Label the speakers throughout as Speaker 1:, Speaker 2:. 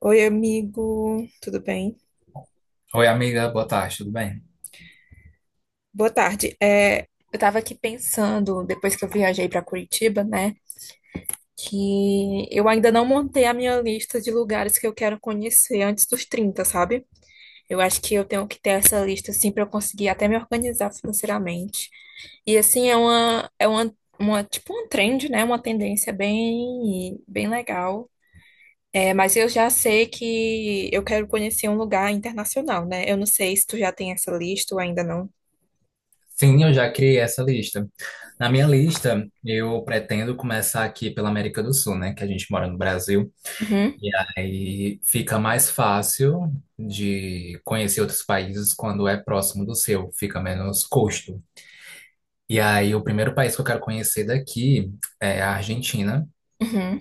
Speaker 1: Oi, amigo, tudo bem?
Speaker 2: Oi, amiga, boa tarde, tudo bem?
Speaker 1: Boa tarde. É, eu tava aqui pensando, depois que eu viajei para Curitiba, né, que eu ainda não montei a minha lista de lugares que eu quero conhecer antes dos 30, sabe? Eu acho que eu tenho que ter essa lista, assim, para eu conseguir até me organizar financeiramente. E, assim, tipo, um trend, né, uma tendência bem, bem legal. É, mas eu já sei que eu quero conhecer um lugar internacional, né? Eu não sei se tu já tem essa lista ou ainda não.
Speaker 2: Sim, eu já criei essa lista. Na minha lista, eu pretendo começar aqui pela América do Sul, né? Que a gente mora no Brasil.
Speaker 1: Uhum,
Speaker 2: E aí fica mais fácil de conhecer outros países quando é próximo do seu, fica menos custo. E aí, o primeiro país que eu quero conhecer daqui é a Argentina,
Speaker 1: uhum,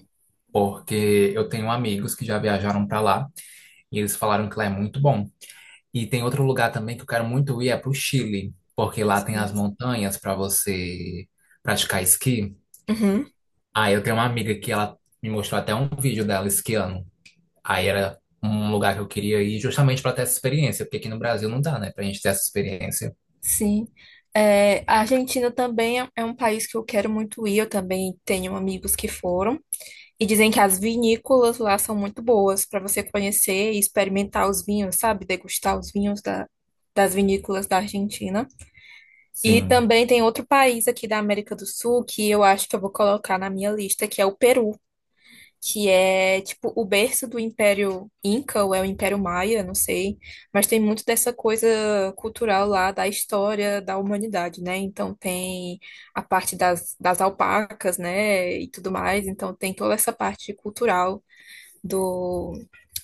Speaker 2: porque eu tenho amigos que já viajaram para lá e eles falaram que lá é muito bom. E tem outro lugar também que eu quero muito ir é pro Chile, porque lá tem
Speaker 1: sim.
Speaker 2: as montanhas para você praticar esqui.
Speaker 1: Uhum,
Speaker 2: Aí eu tenho uma amiga que ela me mostrou até um vídeo dela esquiando. Aí era um lugar que eu queria ir justamente para ter essa experiência, porque aqui no Brasil não dá, né, pra gente ter essa experiência.
Speaker 1: sim. É, a Argentina também é um país que eu quero muito ir. Eu também tenho amigos que foram e dizem que as vinícolas lá são muito boas para você conhecer e experimentar os vinhos, sabe? Degustar os vinhos das vinícolas da Argentina. E
Speaker 2: Sim.
Speaker 1: também tem outro país aqui da América do Sul que eu acho que eu vou colocar na minha lista, que é o Peru. Que é tipo o berço do Império Inca, ou é o Império Maia, não sei, mas tem muito dessa coisa cultural lá da história da humanidade, né? Então tem a parte das alpacas, né, e tudo mais, então tem toda essa parte cultural do,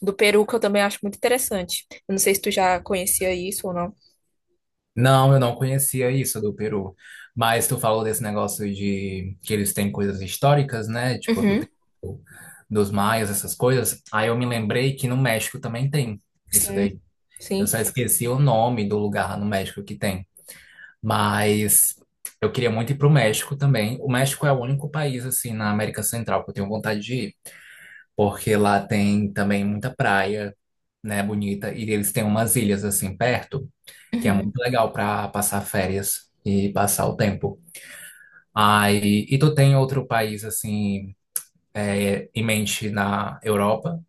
Speaker 1: do Peru que eu também acho muito interessante. Eu não sei se tu já conhecia isso ou não.
Speaker 2: Não, eu não conhecia isso do Peru. Mas tu falou desse negócio de que eles têm coisas históricas, né? Tipo,
Speaker 1: Uhum,
Speaker 2: dos maias, essas coisas. Aí eu me lembrei que no México também tem isso
Speaker 1: sim,
Speaker 2: daí. Eu
Speaker 1: sim.
Speaker 2: só esqueci o nome do lugar lá no México que tem. Mas eu queria muito ir pro México também. O México é o único país, assim, na América Central que eu tenho vontade de ir. Porque lá tem também muita praia, né, bonita. E eles têm umas ilhas, assim, perto, que é
Speaker 1: Uhum.
Speaker 2: muito legal pra passar férias e passar o tempo. Aí, e tu tem outro país, assim, em mente na Europa?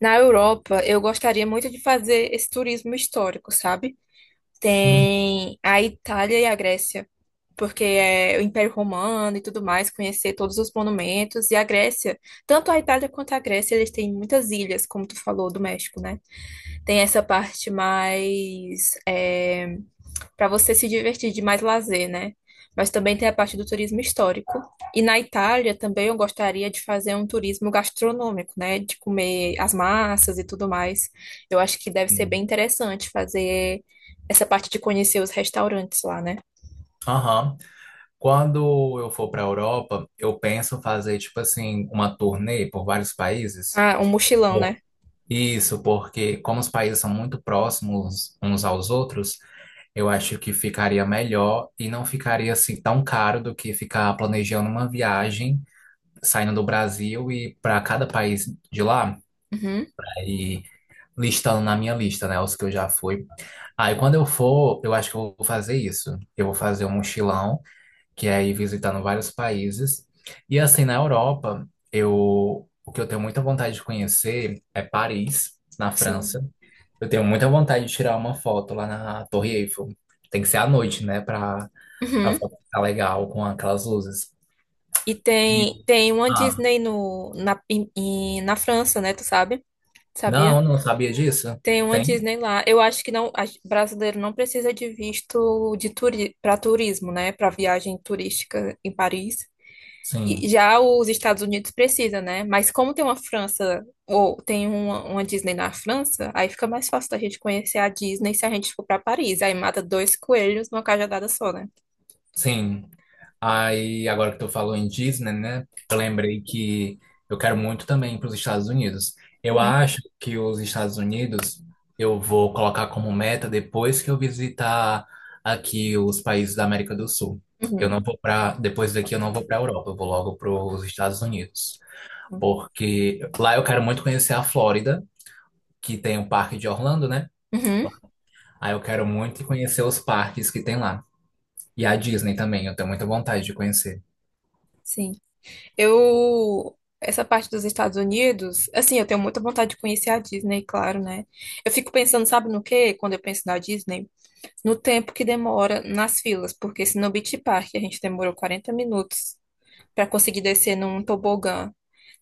Speaker 1: Na Europa, eu gostaria muito de fazer esse turismo histórico, sabe? Tem a Itália e a Grécia, porque é o Império Romano e tudo mais, conhecer todos os monumentos. Tanto a Itália quanto a Grécia, eles têm muitas ilhas, como tu falou, do México, né? Tem essa parte mais, para você se divertir de mais lazer, né? Mas também tem a parte do turismo histórico. E na Itália também eu gostaria de fazer um turismo gastronômico, né? De comer as massas e tudo mais. Eu acho que deve ser
Speaker 2: Hum.
Speaker 1: bem interessante fazer essa parte de conhecer os restaurantes lá, né?
Speaker 2: Aham. Quando eu for para a Europa, eu penso fazer, tipo assim, uma turnê por vários países.
Speaker 1: Ah, um mochilão, né?
Speaker 2: Por- Isso, porque como os países são muito próximos uns aos outros, eu acho que ficaria melhor e não ficaria assim tão caro do que ficar planejando uma viagem, saindo do Brasil e para cada país de lá, né,
Speaker 1: Uhum,
Speaker 2: e listando na minha lista, né, os que eu já fui. Aí quando eu for, eu acho que eu vou fazer isso. Eu vou fazer um mochilão que é ir visitando vários países. E assim, na Europa, eu o que eu tenho muita vontade de conhecer é Paris, na França.
Speaker 1: sim.
Speaker 2: Eu tenho muita vontade de tirar uma foto lá na Torre Eiffel. Tem que ser à noite, né, para a
Speaker 1: Uhum.
Speaker 2: foto ficar legal com aquelas luzes.
Speaker 1: E tem,
Speaker 2: E-
Speaker 1: tem uma
Speaker 2: ah,
Speaker 1: Disney no, na, em- em- na França, né? Tu sabe? Sabia?
Speaker 2: não, não sabia disso.
Speaker 1: Tem uma
Speaker 2: Tem?
Speaker 1: Disney lá. Eu acho que não, brasileiro não precisa de visto de para turismo, né? Para viagem turística em Paris. E
Speaker 2: Sim.
Speaker 1: já os Estados Unidos precisa, né? Mas como tem uma França ou tem uma Disney na França, aí fica mais fácil da gente conhecer a Disney se a gente for para Paris. Aí mata dois coelhos numa cajadada só, né?
Speaker 2: Sim. Aí, agora que tu falou em Disney, né? Eu lembrei que eu quero muito também para os Estados Unidos. Eu
Speaker 1: Uhum,
Speaker 2: acho que os Estados Unidos eu vou colocar como meta depois que eu visitar aqui os países da América do Sul. Eu
Speaker 1: uhum,
Speaker 2: não vou para, depois daqui eu não vou para a Europa, eu vou logo para os Estados Unidos, porque lá eu quero muito conhecer a Flórida, que tem o Parque de Orlando, né?
Speaker 1: uhum,
Speaker 2: Aí eu quero muito conhecer os parques que tem lá. E a Disney também, eu tenho muita vontade de conhecer.
Speaker 1: sim. Eu, essa parte dos Estados Unidos, assim, eu tenho muita vontade de conhecer a Disney, claro, né? Eu fico pensando, sabe no quê? Quando eu penso na Disney, no tempo que demora nas filas, porque se no Beach Park a gente demorou 40 minutos para conseguir descer num tobogã,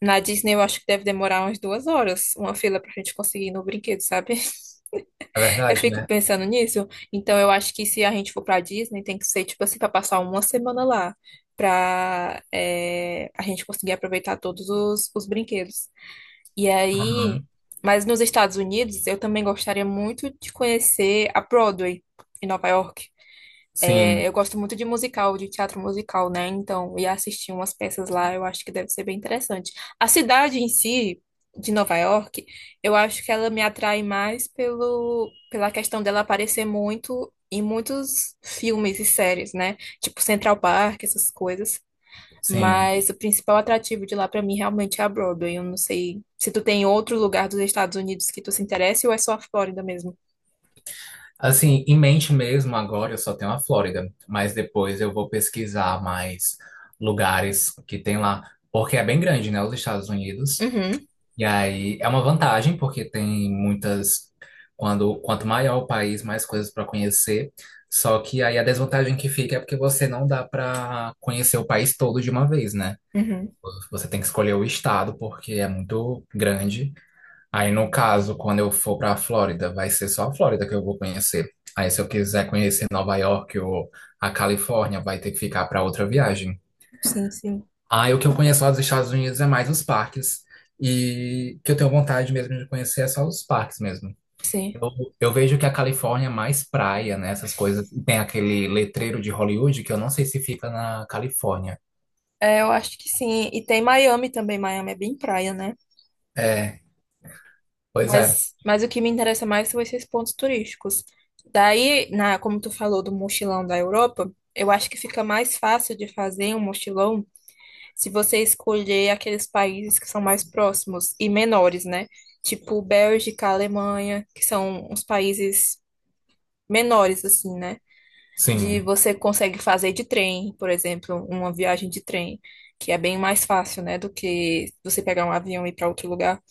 Speaker 1: na Disney eu acho que deve demorar umas 2 horas, uma fila pra gente conseguir ir no brinquedo, sabe?
Speaker 2: É
Speaker 1: Eu
Speaker 2: verdade,
Speaker 1: fico
Speaker 2: né?
Speaker 1: pensando nisso, então eu acho que se a gente for pra Disney, tem que ser, tipo assim, pra passar uma semana lá, pra é, a gente conseguir aproveitar todos os brinquedos. E aí,
Speaker 2: Uhum.
Speaker 1: mas nos Estados Unidos, eu também gostaria muito de conhecer a Broadway, em Nova York. É,
Speaker 2: Sim,
Speaker 1: eu gosto muito de musical, de teatro musical, né? Então, ir assistir umas peças lá, eu acho que deve ser bem interessante. A cidade em si, de Nova York, eu acho que ela me atrai mais pela questão dela aparecer muito em muitos filmes e séries, né? Tipo Central Park, essas coisas.
Speaker 2: sim.
Speaker 1: Mas, o principal atrativo de lá pra mim realmente é a Broadway. Eu não sei se tu tem outro lugar dos Estados Unidos que tu se interesse ou é só a Flórida mesmo.
Speaker 2: Assim, em mente mesmo, agora eu só tenho a Flórida, mas depois eu vou pesquisar mais lugares que tem lá, porque é bem grande, né? Os Estados Unidos.
Speaker 1: Uhum,
Speaker 2: E aí é uma vantagem, porque tem muitas. Quanto maior o país, mais coisas para conhecer. Só que aí a desvantagem que fica é porque você não dá para conhecer o país todo de uma vez, né?
Speaker 1: uhum.
Speaker 2: Você tem que escolher o estado, porque é muito grande. Aí, no caso, quando eu for para a Flórida, vai ser só a Flórida que eu vou conhecer. Aí, se eu quiser conhecer Nova York ou a Califórnia, vai ter que ficar para outra viagem.
Speaker 1: Sim, sim,
Speaker 2: Aí, o que eu conheço lá dos Estados Unidos é mais os parques. E que eu tenho vontade mesmo de conhecer é só os parques mesmo.
Speaker 1: sim.
Speaker 2: Eu, eu vejo que a Califórnia é mais praia, né? Essas coisas. E tem aquele letreiro de Hollywood que eu não sei se fica na Califórnia.
Speaker 1: É, eu acho que sim. E tem Miami também. Miami é bem praia, né?
Speaker 2: É, pois é.
Speaker 1: Mas o que me interessa mais são esses pontos turísticos. Daí, como tu falou do mochilão da Europa, eu acho que fica mais fácil de fazer um mochilão se você escolher aqueles países que são mais próximos e menores, né? Tipo Bélgica, Alemanha, que são uns países menores, assim, né? De
Speaker 2: Sim.
Speaker 1: você consegue fazer de trem, por exemplo, uma viagem de trem, que é bem mais fácil, né, do que você pegar um avião e ir para outro lugar.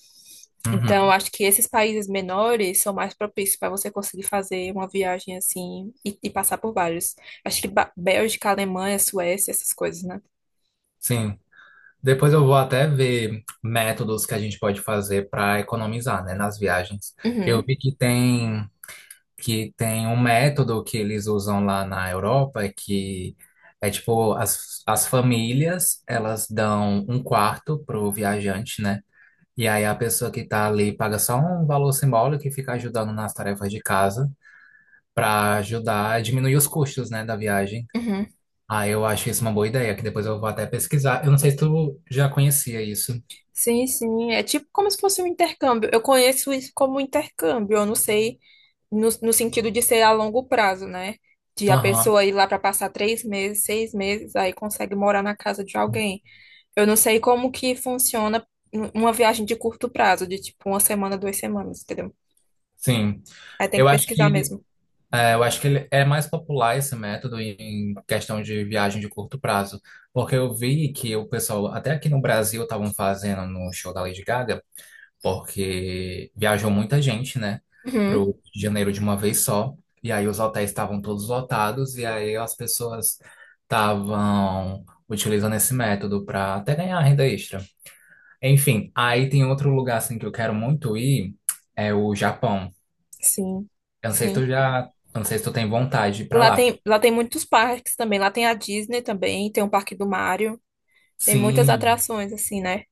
Speaker 1: Então, eu
Speaker 2: Uhum.
Speaker 1: acho que esses países menores são mais propícios para você conseguir fazer uma viagem assim e passar por vários. Acho que Bélgica, Alemanha, Suécia, essas coisas, né?
Speaker 2: Sim. Depois eu vou até ver métodos que a gente pode fazer para economizar, né, nas viagens. Eu
Speaker 1: Uhum,
Speaker 2: vi que tem um método que eles usam lá na Europa que é tipo as famílias, elas dão um quarto pro viajante, né? E aí a pessoa que tá ali paga só um valor simbólico e fica ajudando nas tarefas de casa para ajudar a diminuir os custos, né, da viagem.
Speaker 1: uhum.
Speaker 2: Ah, eu acho isso uma boa ideia, que depois eu vou até pesquisar. Eu não sei se tu já conhecia isso.
Speaker 1: Sim, sim, é tipo como se fosse um intercâmbio. Eu conheço isso como intercâmbio, eu não sei. No sentido de ser a longo prazo, né? De a
Speaker 2: Aham.
Speaker 1: pessoa ir lá para passar 3 meses, 6 meses, aí consegue morar na casa de alguém. Eu não sei como que funciona uma viagem de curto prazo, de tipo uma semana, 2 semanas, entendeu?
Speaker 2: Sim.
Speaker 1: Aí tem que
Speaker 2: Eu acho
Speaker 1: pesquisar
Speaker 2: que
Speaker 1: mesmo.
Speaker 2: eu acho que ele é mais popular esse método em questão de viagem de curto prazo, porque eu vi que o pessoal até aqui no Brasil estavam fazendo no show da Lady Gaga, porque viajou muita gente, né, pro
Speaker 1: Uhum,
Speaker 2: Rio de Janeiro de uma vez só, e aí os hotéis estavam todos lotados e aí as pessoas estavam utilizando esse método para até ganhar renda extra. Enfim, aí tem outro lugar assim que eu quero muito ir, é o Japão.
Speaker 1: sim,
Speaker 2: Eu não sei se tu
Speaker 1: sim.
Speaker 2: já, eu não sei se tu tem vontade de ir pra
Speaker 1: Lá
Speaker 2: lá.
Speaker 1: tem, lá tem muitos parques também. Lá tem a Disney também, tem o Parque do Mario. Tem muitas
Speaker 2: Sim,
Speaker 1: atrações, assim, né?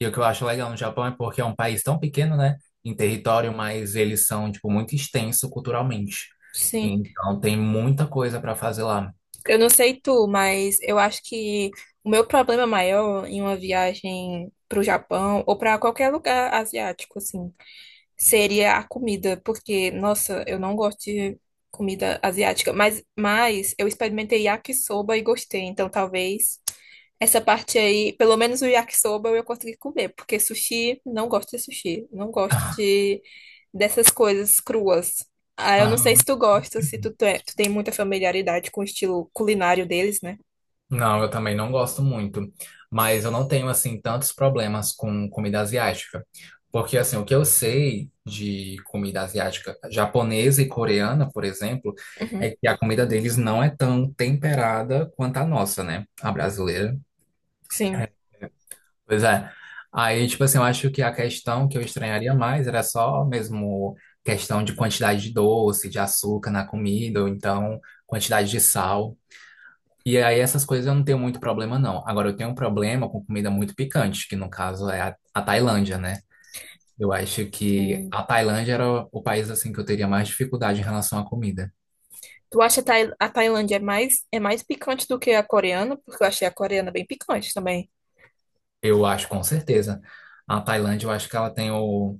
Speaker 2: e o que eu acho legal no Japão é porque é um país tão pequeno, né, em território, mas eles são, tipo, muito extenso culturalmente.
Speaker 1: Sim.
Speaker 2: Então tem muita coisa pra fazer lá.
Speaker 1: Eu não sei tu, mas eu acho que o meu problema maior em uma viagem para o Japão ou para qualquer lugar asiático, assim, seria a comida, porque, nossa, eu não gosto de comida asiática, mas eu experimentei yakisoba e gostei, então talvez. Essa parte aí, pelo menos o yakisoba eu consegui comer, porque sushi, não gosto de sushi, não gosto de dessas coisas cruas. Ah, eu não sei se tu gosta, se tu, te- tu tem muita familiaridade com o estilo culinário deles, né?
Speaker 2: Não, eu também não gosto muito, mas eu não tenho assim tantos problemas com comida asiática, porque assim, o que eu sei de comida asiática, japonesa e coreana, por exemplo, é
Speaker 1: Uhum.
Speaker 2: que a comida deles não é tão temperada quanto a nossa, né? A brasileira.
Speaker 1: Sim,
Speaker 2: Pois é. Aí, tipo assim, eu acho que a questão que eu estranharia mais era só mesmo questão de quantidade de doce, de açúcar na comida, ou então quantidade de sal. E aí essas coisas eu não tenho muito problema, não. Agora eu tenho um problema com comida muito picante, que no caso é a Tailândia, né? Eu acho que
Speaker 1: sim.
Speaker 2: a Tailândia era o país assim que eu teria mais dificuldade em relação à comida.
Speaker 1: Tu acha a Tailândia é mais picante do que a coreana? Porque eu achei a coreana bem picante também.
Speaker 2: Eu acho, com certeza. A Tailândia, eu acho que ela tem o.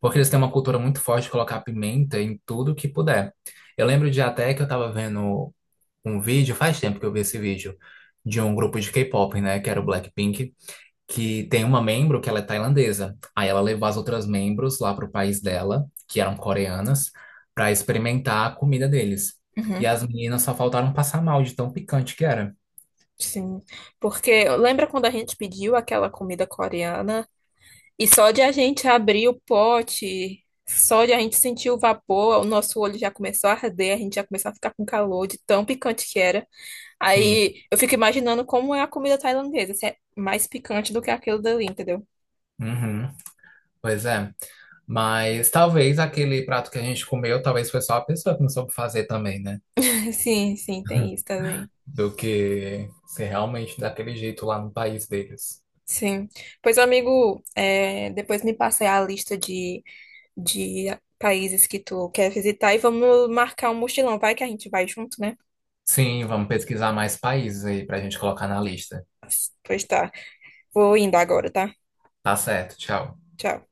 Speaker 2: Porque eles têm uma cultura muito forte de colocar pimenta em tudo que puder. Eu lembro de até que eu tava vendo um vídeo, faz tempo que eu vi esse vídeo, de um grupo de K-pop, né? Que era o Blackpink que tem uma membro que ela é tailandesa. Aí ela levou as outras membros lá pro país dela, que eram coreanas, para experimentar a comida deles. E
Speaker 1: Uhum,
Speaker 2: as meninas só faltaram passar mal de tão picante que era.
Speaker 1: sim. Porque lembra quando a gente pediu aquela comida coreana e só de a gente abrir o pote, só de a gente sentir o vapor, o nosso olho já começou a arder, a gente já começou a ficar com calor de tão picante que era.
Speaker 2: Sim.
Speaker 1: Aí eu fico imaginando como é a comida tailandesa, se é mais picante do que aquilo dali, entendeu?
Speaker 2: Uhum. Pois é. Mas talvez aquele prato que a gente comeu, talvez foi só a pessoa que não soube fazer também, né?
Speaker 1: Sim, sim, tem isso também.
Speaker 2: Do que ser realmente daquele jeito lá no país deles.
Speaker 1: Sim. Pois, amigo, é, depois me passei a lista de países que tu quer visitar e vamos marcar um mochilão. Vai que a gente vai junto, né?
Speaker 2: Sim, vamos pesquisar mais países aí pra gente colocar na lista.
Speaker 1: Pois tá. Vou indo agora, tá?
Speaker 2: Tá certo, tchau.
Speaker 1: Tchau.